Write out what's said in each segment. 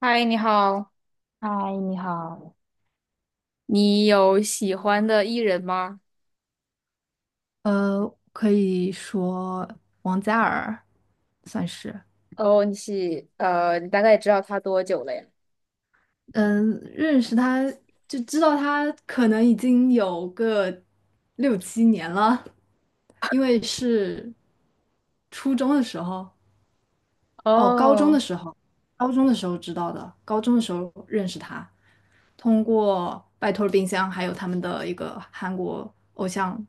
嗨，你好，嗨，你好。你有喜欢的艺人吗？可以说王嘉尔算是，哦，你大概知道他多久了呀？嗯，认识他就知道他可能已经有个六七年了，因为是初中的时候，哦，高中的哦时候，高中的时候知道的，高中的时候认识他，通过拜托了冰箱，还有他们的一个韩国偶像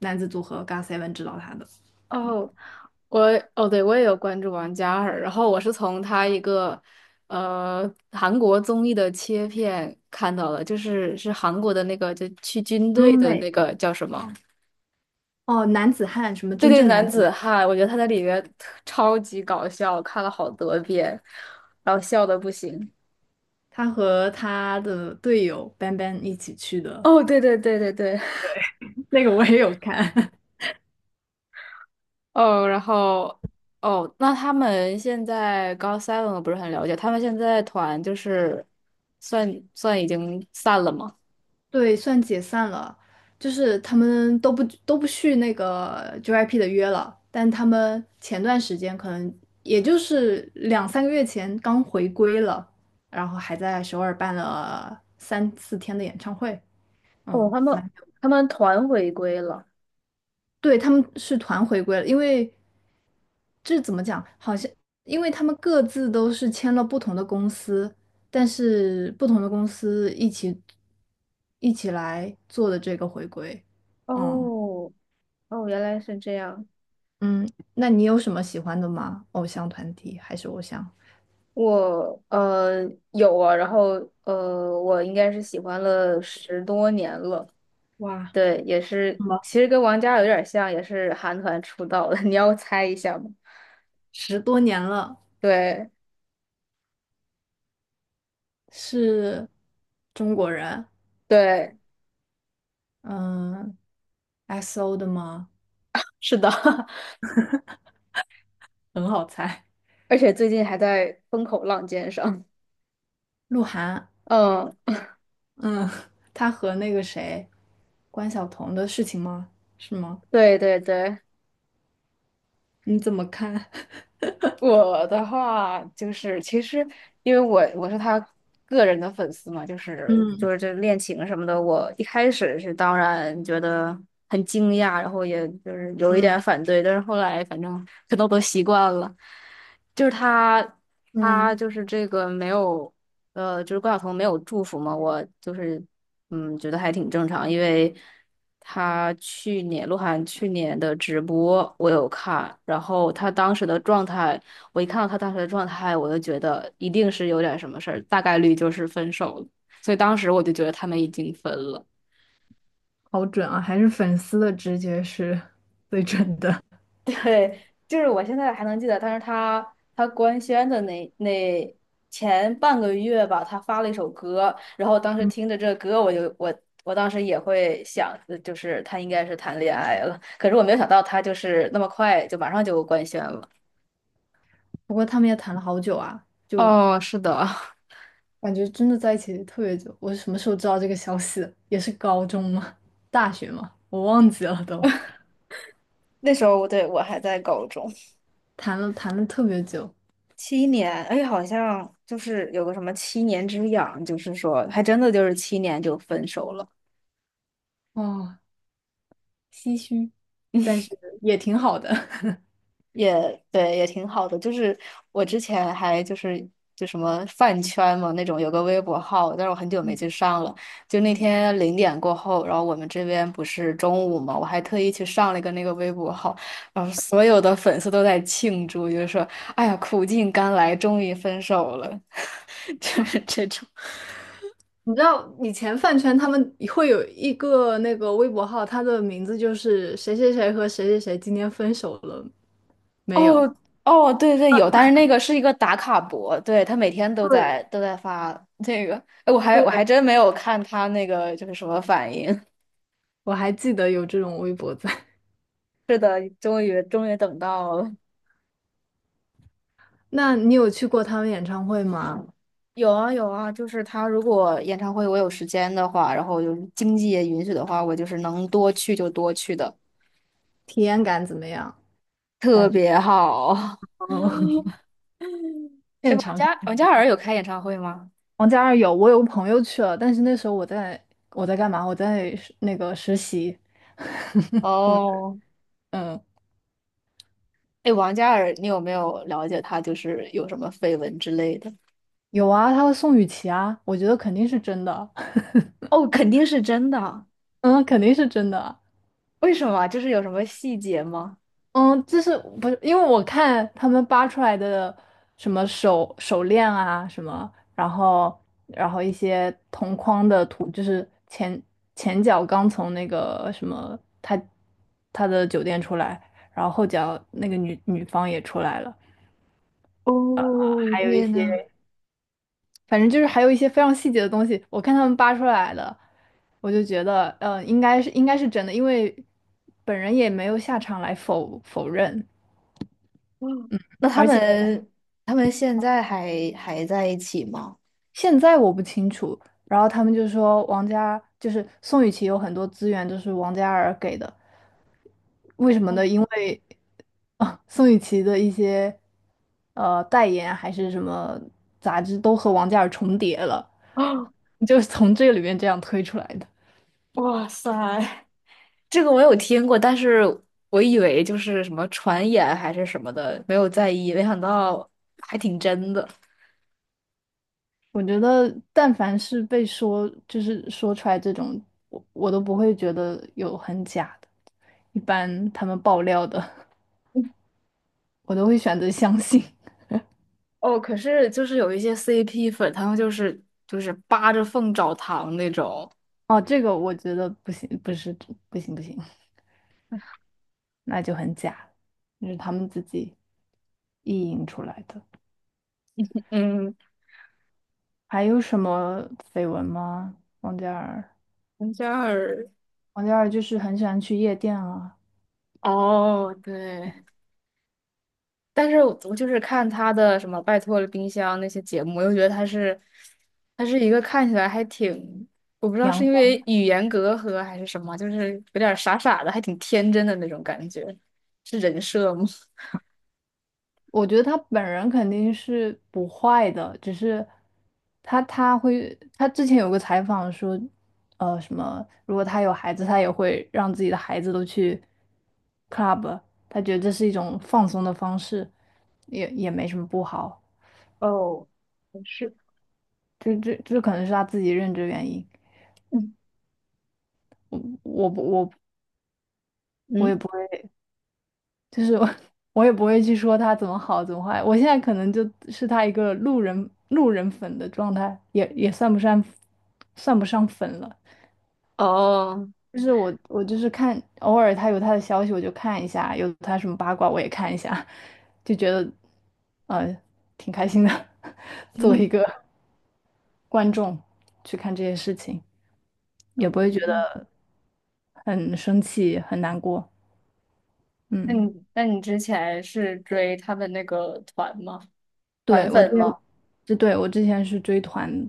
男子组合 GOT7 知道他的。哦，我哦，对，我也有关注王嘉尔，然后我是从他一个韩国综艺的切片看到的，就是韩国的那个就去军队的 roommate。那个叫什么？哦，男子汉，什么对真对，正男男子子汉，汉，我觉得他在里面特超级搞笑，看了好多遍，然后笑的不行。他和他的队友班班一起去的，哦，对对对对对，那个我也有看。哦，然后哦，那他们现在高 seven 我不是很了解，他们现在团就是算算已经散了吗？对，算解散了，就是他们都不续那个 JYP 的约了，但他们前段时间可能也就是两三个月前刚回归了，然后还在首尔办了三四天的演唱会，哦，嗯，他们蛮，他们团回归了。对，他们是团回归了。因为。这怎么讲？好像因为他们各自都是签了不同的公司，但是不同的公司一起来做的这个回归。嗯哦哦，原来是这样。嗯，那你有什么喜欢的吗？偶像团体还是偶像？我有啊，然后我应该是喜欢了10多年了。哇，对，也是，其实跟王嘉尔有点像，也是韩团出道的。你要猜一下吗？十多年了，对是中国人，对，嗯，XO 的吗？是的，很好猜。而且最近还在风口浪尖上。鹿晗，嗯，嗯，他和那个谁，关晓彤的事情吗？是吗？对对对，你怎么看？我的话就是，其实因为我是他个人的粉丝嘛，就 是就嗯。是这恋情什么的，我一开始是当然觉得很惊讶，然后也就是有一点嗯反对，但是后来反正可能我都习惯了。就是他嗯，就是这个没有就是关晓彤没有祝福嘛，我就是觉得还挺正常，因为他去年鹿晗去年的直播我有看，然后他当时的状态。我一看到他当时的状态，我就觉得一定是有点什么事儿，大概率就是分手了。所以当时我就觉得他们已经分了。好准啊，还是粉丝的直觉是 最准的。对，就是我现在还能记得，但是他官宣的那前半个月吧，他发了一首歌，然后当时听着这歌，我就我我当时也会想，就是他应该是谈恋爱了，可是我没有想到他就是那么快就马上就官宣了。不过他们也谈了好久啊，就哦，是的，感觉真的在一起特别久。我是什么时候知道这个消息的？也是高中吗？大学吗？我忘记了都。那时候我还在高中，谈了特别久，七年，哎，好像就是有个什么七年之痒，就是说还真的就是七年就分手了，哦，唏嘘，但是也挺好的。也对，也挺好的。就是我之前还就什么饭圈嘛那种，有个微博号，但是我很久没去上了。就那嗯，天0点过后，然后我们这边不是中午嘛，我还特意去上了一个那个微博号，然后所有的粉丝都在庆祝，就是说，哎呀，苦尽甘来，终于分手了，就是这种。你知道以前饭圈他们会有一个那个微博号，他的名字就是谁谁谁和谁谁谁今天分手了没有？哦哦，对对有，但是那个是一个打卡博，对，他每天都在对。都在发这个，哎，我还真没有看他那个就是什么反应。我还记得有这种微博在。是的，终于终于等到了。那你有去过他们演唱会吗？有啊有啊，就是他如果演唱会我有时间的话，然后有经济也允许的话，我就是能多去就多去的，体验感怎么样？特感觉别好。哦，哎，现王场嘉王嘉尔有开演唱会吗？王嘉尔有，我有个朋友去了，但是那时候我在干嘛？我在实那个实习。我哦，嗯，哎，王嘉尔，你有没有了解他就是有什么绯闻之类的？有啊，他和宋雨琦啊，我觉得肯定是真的，哦，肯定是真的。嗯，肯定是真的。为什么啊？就是有什么细节吗？嗯，就是不是因为我看他们扒出来的什么手链啊什么，然后一些同框的图，就是前脚刚从那个什么他的酒店出来，然后后脚那个女方也出来了，哦，还有一天呐，些 反正就是还有一些非常细节的东西，我看他们扒出来的，我就觉得应该是真的，因为本人也没有下场来否认。嗯那他而且。们他们现在还在一起吗？现在我不清楚。然后他们就说就是宋雨琦有很多资源都是王嘉尔给的，为什么哦呢？因为啊，宋雨琦的一些代言啊还是什么杂志都和王嘉尔重叠了，啊，就是从这个里面这样推出来的。哇塞 这个我有听过，但是我以为就是什么传言还是什么的，没有在意，没想到还挺真的。我觉得，但凡是被说就是说出来这种，我都不会觉得有很假的。一般他们爆料的，我都会选择相信。哦，可是就是有一些 CP 粉，他们就是扒着缝找糖那种。哦，这个我觉得不行，不是，不行不行，那就很假，这是他们自己意淫出来的。嗯，还有什么绯闻吗？王嘉尔，王嘉尔。王嘉尔就是很喜欢去夜店啊。哦，对，但是我就是看他的什么《拜托了冰箱》那些节目，我又觉得他是，他是一个看起来还挺，我不知道是因阳为语言隔阂还是什么，就是有点傻傻的，还挺天真的那种感觉，是人设吗？我觉得他本人肯定是不坏的，只是他会他之前有个采访说，什么如果他有孩子，他也会让自己的孩子都去 club，他觉得这是一种放松的方式，也没什么不好，哦，不是，这可能是他自己认知原因。嗯我我不我。也嗯，不就是我也不会去说他怎么好怎么坏，我现在可能就是他一个路人粉的状态，也算不上粉了。哦，就是我就是看偶尔他有他的消息我就看一下，有他什么八卦我也看一下，就觉得呃挺开心的，作为一嗯，个观众去看这些事情，也不会觉哦，得很生气很难过。那嗯，你那你之前是追他们那个团吗？团对，我之粉前，吗？是对，我之前是追团，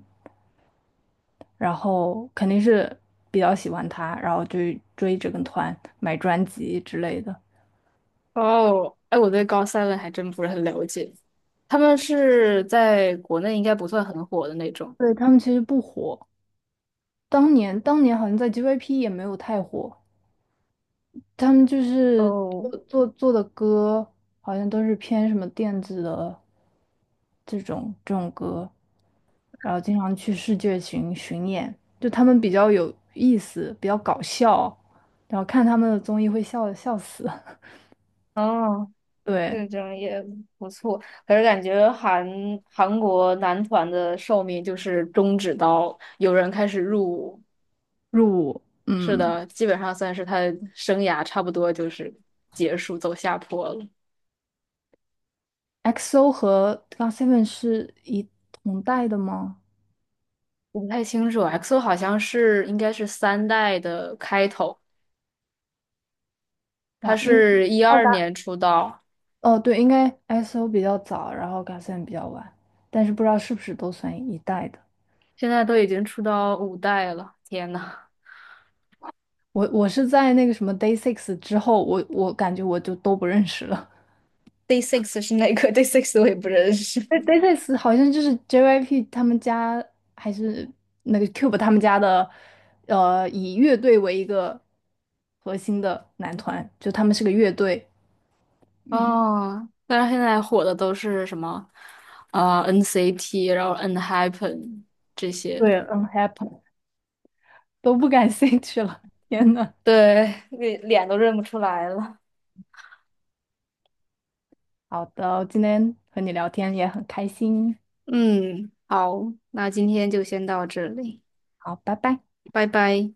然后肯定是比较喜欢他，然后就追这个团买专辑之类的。哦，哎，我对高 seven 还真不是很了解，他们是在国内应该不算很火的那种。对，他们其实不火，当年好像在 JYP 也没有太火，他们就是哦，做的歌好像都是偏什么电子的这种歌，然后经常去世界巡演，就他们比较有意思，比较搞笑，然后看他们的综艺会笑死。哦，对，这种也不错。可是感觉韩国男团的寿命就是终止到有人开始入伍，入伍，是嗯。的，基本上算是他生涯差不多就是结束走下坡了。XO 和 GOT7 是一同代的吗？我不太清楚 XO 好像是应该是三代的开头，他哇，应是一二二代年出道，哦，对，应该 XO 比较早，然后 GOT7 比较晚，但是不知道是不是都算一代的。现在都已经出到五代了，天呐！我是在那个什么 Day Six 之后，我感觉我就都不认识了。Day Six 是哪个 ？Day Six 我也不认识。对 Day Six 好像就是 JYP 他们家还是那个 Cube 他们家的，以乐队为一个核心的男团，就他们是个乐队。嗯，哦，但是现在火的都是什么？啊、NCT 然后 N-Happen 这些。对，Unhappy。都不感兴趣了。天呐，对，脸都认不出来了。好的，今天和你聊天也很开心。嗯，好，那今天就先到这里，好，拜拜。拜拜。